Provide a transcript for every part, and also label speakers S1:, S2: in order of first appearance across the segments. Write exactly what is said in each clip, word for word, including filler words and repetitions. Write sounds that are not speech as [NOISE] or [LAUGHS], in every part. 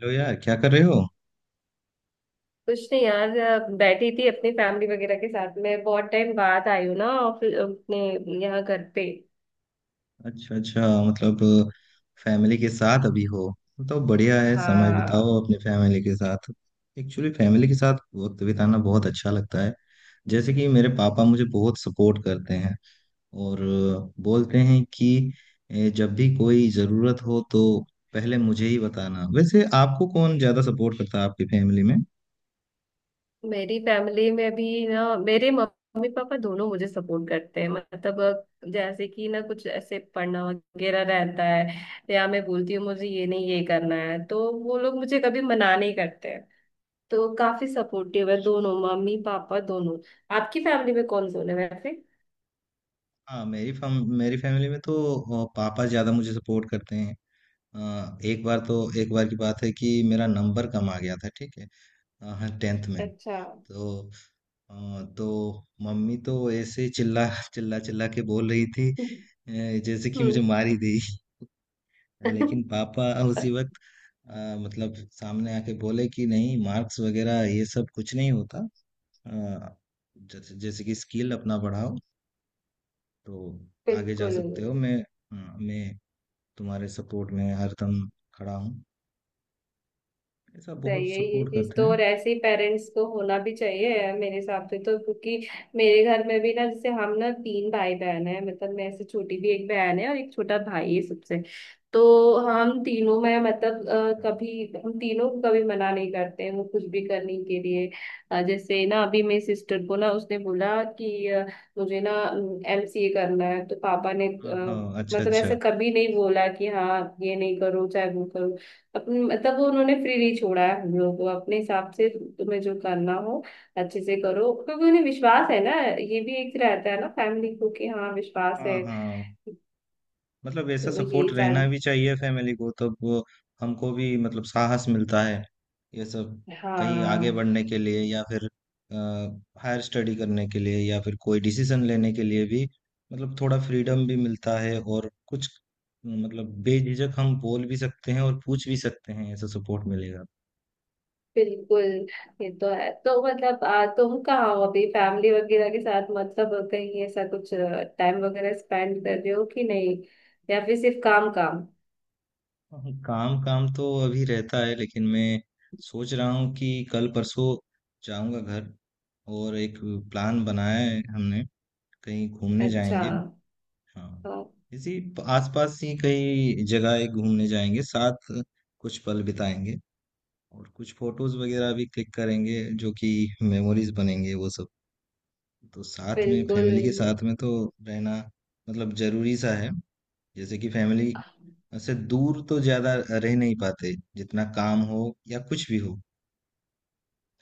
S1: Hello यार, क्या कर रहे हो?
S2: कुछ नहीं यार अ, बैठी थी अपनी फैमिली वगैरह के साथ में बहुत टाइम बाद आई हूँ ना ऑफिस अपने यहाँ घर पे।
S1: अच्छा, अच्छा, मतलब फैमिली के साथ अभी हो? तो बढ़िया है, समय
S2: हाँ,
S1: बिताओ अपने फैमिली के साथ। एक्चुअली फैमिली के साथ वक्त बिताना बहुत अच्छा लगता है। जैसे कि मेरे पापा मुझे बहुत सपोर्ट करते हैं और बोलते हैं कि ए, जब भी कोई ज़रूरत हो तो पहले मुझे ही बताना। वैसे आपको कौन ज़्यादा सपोर्ट करता है आपकी फैमिली में?
S2: मेरी फैमिली में भी ना मेरे मम्मी पापा दोनों मुझे सपोर्ट करते हैं। मतलब अ, जैसे कि ना कुछ ऐसे पढ़ना वगैरह रहता है या मैं बोलती हूँ मुझे ये नहीं ये करना है तो वो लोग मुझे कभी मना नहीं करते हैं। तो काफी सपोर्टिव है दोनों, मम्मी पापा दोनों। आपकी फैमिली में कौन कौन है वैसे?
S1: हाँ, मेरी फैम मेरी फैमिली में तो अ, पापा ज़्यादा मुझे सपोर्ट करते हैं। अ, एक बार, तो एक बार की बात है कि मेरा नंबर कम आ गया था, ठीक है? अ, हाँ, टेंथ में।
S2: अच्छा।
S1: तो अ, तो मम्मी तो ऐसे ही चिल्ला चिल्ला-चिल्ला के बोल रही थी, अ, जैसे कि
S2: हम्म।
S1: मुझे मार ही देगी। लेकिन पापा उसी
S2: [LAUGHS]
S1: वक़्त अ, मतलब सामने आके बोले कि नहीं, मार्क्स वग़ैरह ये सब कुछ नहीं होता। अ, जैसे जैसे कि स्किल अपना बढ़ाओ तो आगे जा
S2: बिल्कुल।
S1: सकते हो। मैं हाँ, मैं तुम्हारे सपोर्ट में हरदम खड़ा हूँ। ऐसा बहुत
S2: सही है ये
S1: सपोर्ट
S2: चीज
S1: करते
S2: तो,
S1: हैं।
S2: और ऐसे ही पेरेंट्स को होना भी चाहिए मेरे हिसाब से, तो क्योंकि मेरे घर में भी ना जैसे हम ना तीन भाई बहन है। मतलब मैं से छोटी भी एक बहन है और एक छोटा भाई है सबसे। तो हम तीनों में मतलब अ,
S1: हाँ,
S2: कभी हम तीनों को कभी मना नहीं करते हैं वो कुछ भी करने के लिए। अ, जैसे ना अभी मेरी सिस्टर को ना उसने बोला कि अ, मुझे ना एमसीए करना है तो पापा ने अ,
S1: हाँ, अच्छा,
S2: मतलब ऐसे
S1: अच्छा।
S2: कभी नहीं बोला कि हाँ ये नहीं करो चाहे वो करो। अपन- तब उन्होंने फ्री नहीं छोड़ा है हम लोगों को अपने हिसाब से तुम्हें जो करना हो अच्छे से करो, क्योंकि उन्हें विश्वास है ना, ये भी एक रहता है ना फैमिली को कि हाँ विश्वास
S1: हाँ,
S2: है।
S1: हाँ, मतलब ऐसा
S2: तो ये
S1: सपोर्ट
S2: सारी।
S1: रहना भी चाहिए फैमिली को, तब वो हमको भी मतलब साहस मिलता है ये सब, कहीं आगे
S2: हाँ।
S1: बढ़ने के लिए या फिर हायर स्टडी करने के लिए या फिर कोई डिसीजन लेने के लिए भी। मतलब थोड़ा फ्रीडम भी मिलता है, और कुछ मतलब बेझिझक हम बोल भी सकते हैं और पूछ भी सकते हैं, ऐसा सपोर्ट मिलेगा।
S2: बिल्कुल। ये तो है। तो मतलब आ, तुम कहाँ हो अभी फैमिली वगैरह के साथ, मतलब कहीं ऐसा कुछ टाइम वगैरह स्पेंड कर रहे हो कि नहीं, या फिर सिर्फ काम काम?
S1: हाँ, काम काम तो अभी रहता है लेकिन मैं सोच रहा हूँ कि कल परसों जाऊंगा घर, और एक प्लान बनाया है हमने, कहीं घूमने
S2: अच्छा।
S1: जाएंगे। हाँ,
S2: हाँ।
S1: इसी प- आसपास ही कई जगह एक घूमने जाएंगे साथ, कुछ पल बिताएंगे और कुछ फोटोज वगैरह भी क्लिक करेंगे जो कि मेमोरीज बनेंगे वो सब। तो साथ में
S2: बिल्कुल।
S1: फैमिली के साथ में तो रहना मतलब जरूरी सा है। जैसे कि फैमिली से दूर तो ज्यादा रह नहीं पाते, जितना काम हो या कुछ भी हो,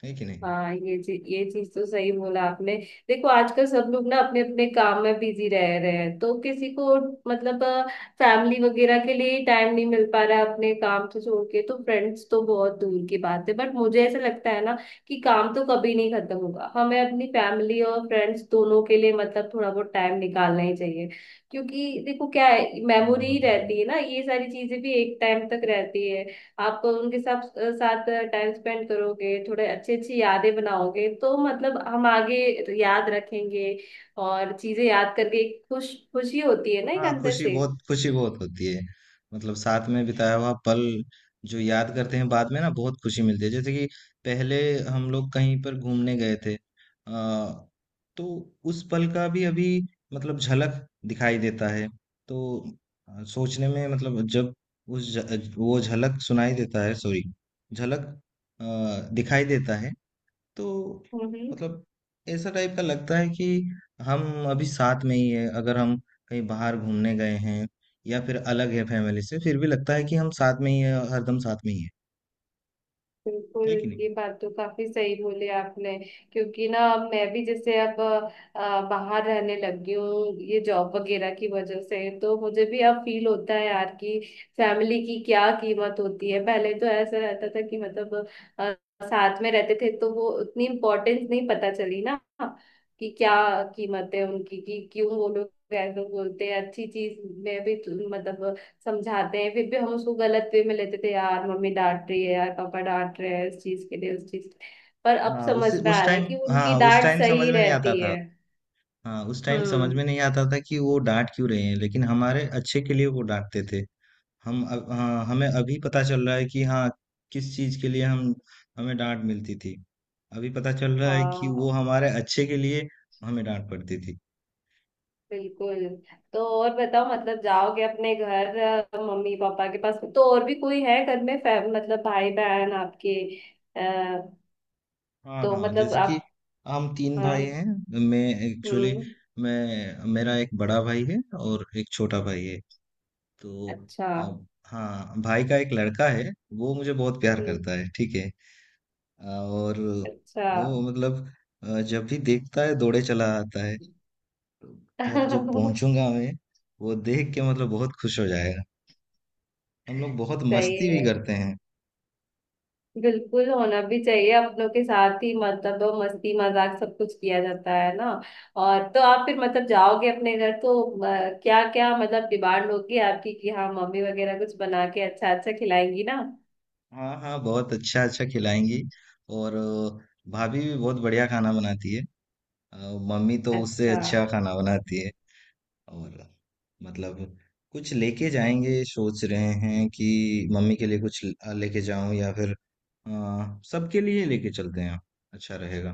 S1: है कि नहीं?
S2: हाँ, ये चीज ये चीज तो सही बोला आपने। देखो आजकल सब लोग ना अपने अपने काम में बिजी रह रहे हैं, तो किसी को मतलब फैमिली वगैरह के लिए टाइम नहीं मिल पा रहा है अपने काम से छोड़ के। तो फ्रेंड्स तो बहुत दूर की बात है, बट मुझे ऐसा लगता है ना कि काम तो कभी नहीं खत्म होगा, हमें अपनी फैमिली और फ्रेंड्स दोनों के लिए मतलब थोड़ा बहुत टाइम निकालना ही चाहिए। क्योंकि देखो क्या है,
S1: हाँ,
S2: मेमोरी ही
S1: हाँ,
S2: रहती है ना, ये सारी चीजें भी एक टाइम तक रहती है। आप उनके साथ साथ टाइम स्पेंड करोगे, थोड़े अच्छी अच्छी यादें बनाओगे तो मतलब हम आगे याद रखेंगे। और चीजें याद करके एक खुश खुशी होती है ना एक
S1: हाँ,
S2: अंदर
S1: खुशी
S2: से।
S1: बहुत खुशी बहुत होती है। मतलब साथ में बिताया हुआ पल जो याद करते हैं बाद में ना, बहुत खुशी मिलती है। जैसे कि पहले हम लोग कहीं पर घूमने गए थे, आ, तो उस पल का भी अभी मतलब झलक दिखाई देता है। तो अ, सोचने में मतलब जब उस ज, वो झलक सुनाई देता है, सॉरी, झलक अ, दिखाई देता है। तो
S2: हम्म। हम्म।
S1: मतलब ऐसा टाइप का लगता है कि हम अभी साथ में ही है। अगर हम कहीं बाहर घूमने गए हैं या फिर अलग है फैमिली से, फिर भी लगता है कि हम साथ में ही है, हरदम साथ में ही है
S2: बिल्कुल।
S1: है कि नहीं?
S2: ये बात तो काफी सही बोले आपने, क्योंकि ना अब मैं भी जैसे अब अ, बाहर रहने लगी हूँ ये जॉब वगैरह की वजह से, तो मुझे भी अब फील होता है यार कि फैमिली की क्या कीमत होती है। पहले तो ऐसा रहता था कि मतलब अ, साथ में रहते थे तो वो उतनी इम्पोर्टेंस नहीं पता चली ना कि क्या कीमत है उनकी, कि क्यों वो लोग ऐसा बोलते हैं। अच्छी चीज में भी तो मतलब समझाते हैं, फिर भी हम उसको गलत वे में लेते थे, यार मम्मी डांट रही है, यार पापा डांट रहे हैं इस चीज के लिए, उस चीज पर। अब
S1: हाँ उस
S2: समझ में
S1: उस
S2: आ रहा है
S1: टाइम
S2: कि उनकी
S1: हाँ उस
S2: डांट
S1: टाइम समझ
S2: सही
S1: में नहीं आता
S2: रहती
S1: था
S2: है।
S1: हाँ, उस टाइम समझ
S2: हम्म।
S1: में नहीं आता था कि वो डांट क्यों रहे हैं, लेकिन हमारे अच्छे के लिए वो डांटते थे। हम अब हाँ, हमें अभी पता चल रहा है कि हाँ, किस चीज के लिए हम हमें डांट मिलती थी। अभी पता चल रहा है कि वो
S2: हाँ।
S1: हमारे अच्छे के लिए हमें डांट पड़ती थी।
S2: बिल्कुल। तो और बताओ, मतलब जाओगे अपने घर अ, मम्मी पापा के पास, तो और भी कोई है घर में फैम मतलब भाई बहन आपके? आ,
S1: हाँ,
S2: तो
S1: हाँ,
S2: मतलब
S1: जैसे कि
S2: आप।
S1: हम तीन
S2: हाँ।
S1: भाई हैं। मैं एक्चुअली
S2: हम्म।
S1: मैं मेरा एक बड़ा भाई है और एक छोटा भाई है। तो
S2: अच्छा।
S1: अब हाँ, भाई का एक लड़का है, वो मुझे बहुत प्यार
S2: हम्म।
S1: करता है, ठीक है। और
S2: अच्छा।
S1: वो मतलब अ, जब भी देखता है दौड़े चला आता है। घर जब
S2: [LAUGHS]
S1: पहुंचूंगा मैं, वो देख के मतलब बहुत खुश हो जाएगा। हम लोग बहुत
S2: सही
S1: मस्ती भी
S2: है।
S1: करते हैं।
S2: बिल्कुल होना भी चाहिए अपनों के साथ ही, मतलब वो मस्ती मजाक सब कुछ किया जाता है ना। और तो आप फिर मतलब जाओगे अपने घर तो क्या क्या मतलब डिमांड होगी आपकी कि हाँ मम्मी वगैरह कुछ बना के अच्छा अच्छा खिलाएंगी ना?
S1: हाँ, हाँ, बहुत अच्छा अच्छा खिलाएंगी। और अ, भाभी भी बहुत बढ़िया खाना बनाती है। अ, मम्मी तो उससे
S2: अच्छा।
S1: अच्छा खाना बनाती है। और मतलब कुछ लेके जाएंगे, सोच रहे हैं कि मम्मी के लिए कुछ ल- लेके जाऊं, या फिर अ, सबके लिए लेके चलते हैं, अच्छा रहेगा।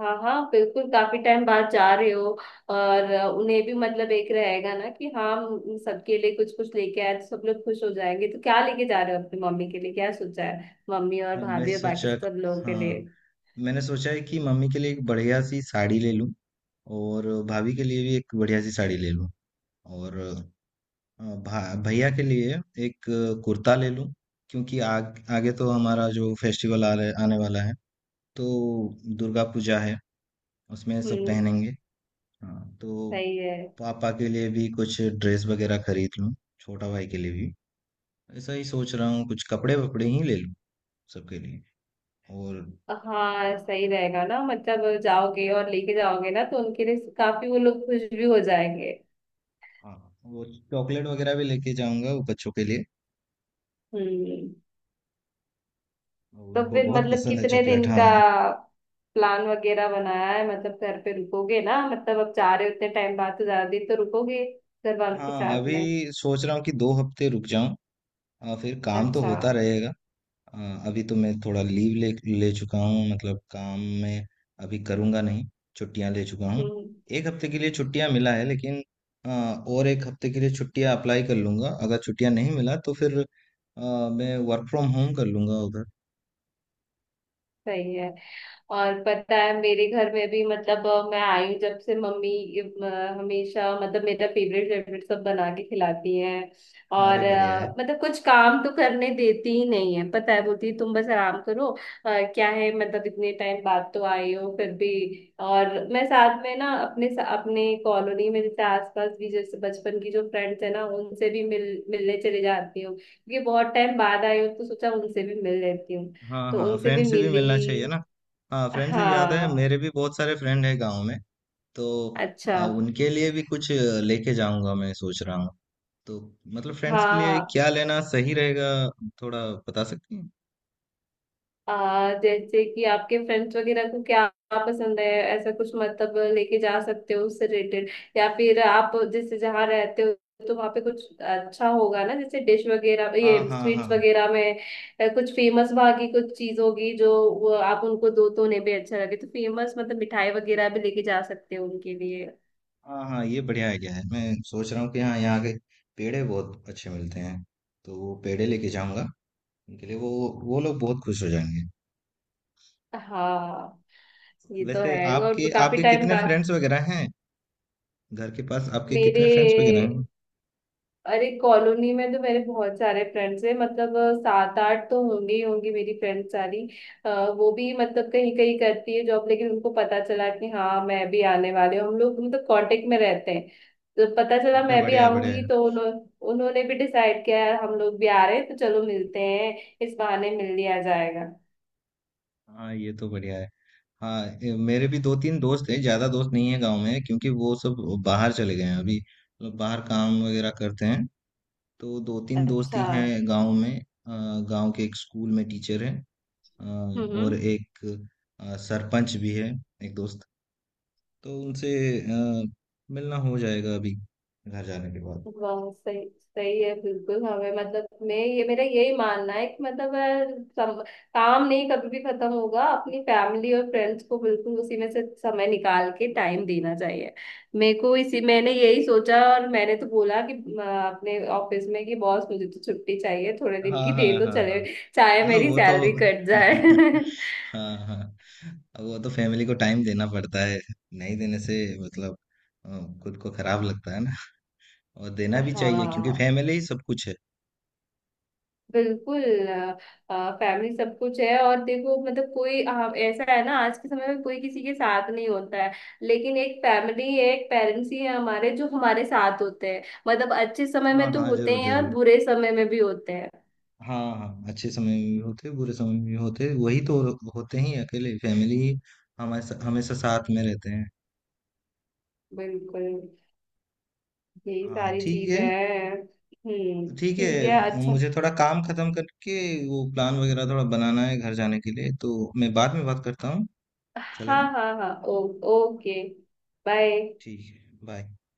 S2: हाँ हाँ बिल्कुल, काफी टाइम बाद जा रहे हो। और अ, उन्हें भी मतलब एक रहेगा ना कि हाँ हम सबके लिए कुछ कुछ लेके आए तो सब लोग खुश हो जाएंगे। तो क्या लेके जा रहे हो अपनी मम्मी के लिए, क्या सोचा है मम्मी और
S1: हाँ मैं
S2: भाभी और बाकी
S1: सोचा
S2: सब लोगों के लिए?
S1: हाँ, मैंने सोचा है कि मम्मी के लिए एक बढ़िया सी साड़ी ले लूं और भाभी के लिए भी एक बढ़िया सी साड़ी ले लूँ। और अ, भा, भैया के लिए एक अ, कुर्ता ले लूँ, क्योंकि आग, आगे तो हमारा जो फेस्टिवल आ रहे, आने वाला है। तो दुर्गा पूजा है, उसमें सब
S2: हम्म।
S1: पहनेंगे। हाँ, तो
S2: सही है।
S1: पापा के लिए भी कुछ ड्रेस वगैरह खरीद लूँ, छोटा भाई के लिए भी। ऐसा ही सोच रहा हूँ कुछ कपड़े वपड़े ही ले लूँ सबके लिए। और
S2: हाँ सही रहेगा ना, मतलब जाओगे और लेके जाओगे ना तो उनके लिए काफी, वो लोग खुश भी हो जाएंगे।
S1: हाँ, वो चॉकलेट वगैरह भी लेके जाऊंगा, वो बच्चों के लिए।
S2: हम्म। तो
S1: उनको
S2: फिर
S1: बहुत
S2: मतलब
S1: पसंद है
S2: कितने
S1: चॉकलेट,
S2: दिन का
S1: हाँ।
S2: प्लान वगैरह बनाया है, मतलब घर पे रुकोगे ना, मतलब अब जा रहे हो उतने टाइम बाद तो ज्यादा दिन तो रुकोगे घर वालों के
S1: हाँ,
S2: साथ
S1: अभी
S2: में?
S1: सोच रहा हूँ कि दो हफ्ते रुक जाऊँ। आ, फिर काम तो
S2: अच्छा।
S1: होता रहेगा। आ, अभी तो मैं थोड़ा लीव ले ले चुका हूँ, मतलब काम में अभी करूँगा नहीं, छुट्टियाँ ले चुका हूँ।
S2: हम्म।
S1: एक हफ्ते के लिए छुट्टियाँ मिला है, लेकिन आ, और एक हफ्ते के लिए छुट्टियाँ अप्लाई कर लूँगा। अगर छुट्टियाँ नहीं मिला तो फिर आ, मैं वर्क फ्रॉम होम कर लूँगा उधर।
S2: सही है। और पता है मेरे घर में भी मतलब अ, मैं आई हूँ जब से मम्मी अ, हमेशा मतलब मेरा फेवरेट फेवरेट सब बना के खिलाती हैं।
S1: अरे,
S2: और
S1: बढ़िया है।
S2: अ, मतलब कुछ काम तो करने देती ही नहीं है, पता है बोलती है, तुम बस आराम करो। अ, क्या है मतलब इतने टाइम बाद तो आई हो फिर भी। और मैं साथ में ना अपने अपने कॉलोनी में जैसे आसपास भी, जैसे बचपन की जो फ्रेंड्स है ना उनसे भी मिल मिलने चले जाती हूँ, क्योंकि बहुत टाइम बाद आई हूँ तो सोचा उनसे भी मिल लेती हूँ।
S1: हाँ,
S2: तो
S1: हाँ,
S2: उनसे भी
S1: फ्रेंड से भी
S2: मिली।
S1: मिलना चाहिए ना। हाँ, फ्रेंड से याद है,
S2: हाँ।
S1: मेरे भी बहुत सारे फ्रेंड है गाँव में। तो
S2: अच्छा।
S1: अ, उनके लिए भी कुछ लेके जाऊंगा, मैं सोच रहा हूँ। तो मतलब फ्रेंड्स के लिए
S2: हाँ।
S1: क्या लेना सही रहेगा, थोड़ा बता सकती हैं?
S2: आ, जैसे कि आपके फ्रेंड्स वगैरह को क्या पसंद है, ऐसा कुछ मतलब लेके जा सकते हो उससे रिलेटेड। या फिर आप जैसे जहाँ रहते हो तो वहाँ पे कुछ अच्छा होगा ना, जैसे डिश वगैरह,
S1: हाँ,
S2: ये
S1: हाँ, हाँ,
S2: स्वीट्स वगैरह में अ, कुछ फेमस वहाँ की कुछ चीज होगी जो वो आप उनको दो तो उन्हें भी अच्छा लगे। तो फेमस मतलब मिठाई वगैरह भी लेके जा सकते हो उनके लिए।
S1: हाँ, हाँ ये बढ़िया आइडिया है। मैं सोच रहा हूँ कि हाँ, यहाँ के पेड़े बहुत अच्छे मिलते हैं, तो वो पेड़े लेके जाऊंगा उनके लिए। वो वो लोग बहुत खुश हो जाएंगे।
S2: हाँ ये तो
S1: वैसे
S2: है, और
S1: आपके
S2: काफी
S1: आपके
S2: टाइम
S1: कितने
S2: बाद।
S1: फ्रेंड्स वगैरह हैं, घर के पास आपके
S2: मेरे,
S1: कितने फ्रेंड्स वगैरह हैं?
S2: अरे कॉलोनी में तो मेरे बहुत सारे फ्रेंड्स हैं। मतलब अ, सात आठ तो होंगे ही, होंगी मेरी फ्रेंड्स सारी। अ, वो भी मतलब कहीं कहीं करती है जॉब, लेकिन उनको पता चला कि हाँ मैं भी आने वाले हूँ, हम लोग मतलब कांटेक्ट में रहते हैं। तो पता चला
S1: अच्छा,
S2: मैं भी
S1: बढ़िया है, बढ़िया
S2: आऊंगी
S1: है।
S2: तो उन्हों, उन्होंने भी डिसाइड किया यार हम लोग भी आ रहे हैं तो चलो मिलते हैं, इस बहाने मिल लिया जाएगा।
S1: हाँ, ये तो बढ़िया है। हाँ, ए, मेरे भी दो तीन दोस्त हैं, ज्यादा दोस्त नहीं है गांव में क्योंकि वो सब बाहर चले गए हैं अभी, मतलब बाहर काम वगैरह करते हैं। तो दो तीन दोस्त
S2: अच्छा।
S1: ही हैं गांव में। अ, गांव के एक स्कूल में टीचर हैं। अ, और
S2: हम्म।
S1: एक अ, सरपंच भी है एक दोस्त। तो उनसे अ, मिलना हो जाएगा अभी घर जाने के बाद।
S2: वाह सही। सही है। बिल्कुल हमें मतलब मैं ये मेरा यही मानना है कि मतलब अ, सम, काम नहीं कभी भी खत्म होगा, अपनी फैमिली और फ्रेंड्स को बिल्कुल उसी में से समय निकाल के टाइम देना चाहिए। मेरे को इसी मैंने यही सोचा और मैंने तो बोला कि अ, अपने ऑफिस में कि बॉस मुझे तो छुट्टी चाहिए थोड़े दिन
S1: हाँ,
S2: की
S1: हाँ,
S2: दे दो
S1: हाँ, हाँ,
S2: चले, चाहे
S1: हाँ
S2: मेरी
S1: वो तो
S2: सैलरी
S1: होगा।
S2: कट जाए।
S1: [LAUGHS] हाँ, हाँ, अब वो तो फैमिली को टाइम देना पड़ता है। नहीं देने से मतलब अ, खुद को खराब लगता है ना। और देना
S2: [LAUGHS]
S1: भी चाहिए, क्योंकि
S2: हाँ।
S1: फैमिली ही सब कुछ है।
S2: बिल्कुल। फैमिली सब कुछ है, और देखो मतलब कोई आ, ऐसा है ना, आज के समय में कोई किसी के साथ नहीं होता है, लेकिन एक फैमिली है, एक पेरेंट्स ही है हमारे जो हमारे साथ होते हैं, मतलब अच्छे समय
S1: हाँ,
S2: में तो
S1: हाँ,
S2: होते
S1: जरूर,
S2: ही हैं और
S1: जरूर।
S2: बुरे समय में भी होते हैं।
S1: हाँ, हाँ, अच्छे समय में भी होते, बुरे समय में भी होते, वही तो होते ही। अकेले फैमिली ही हमारे हमेशा साथ में रहते हैं।
S2: बिल्कुल। यही
S1: हाँ,
S2: सारी
S1: ठीक है,
S2: चीजें हैं। हम्म।
S1: ठीक
S2: ठीक
S1: है।
S2: है। अच्छा।
S1: मुझे थोड़ा काम खत्म करके वो प्लान वगैरह थोड़ा बनाना है घर जाने के लिए, तो मैं बाद में बात करता हूँ।
S2: हाँ
S1: चलेगा?
S2: हाँ हाँ। ओ, ओके। बाय।
S1: ठीक है। बाय।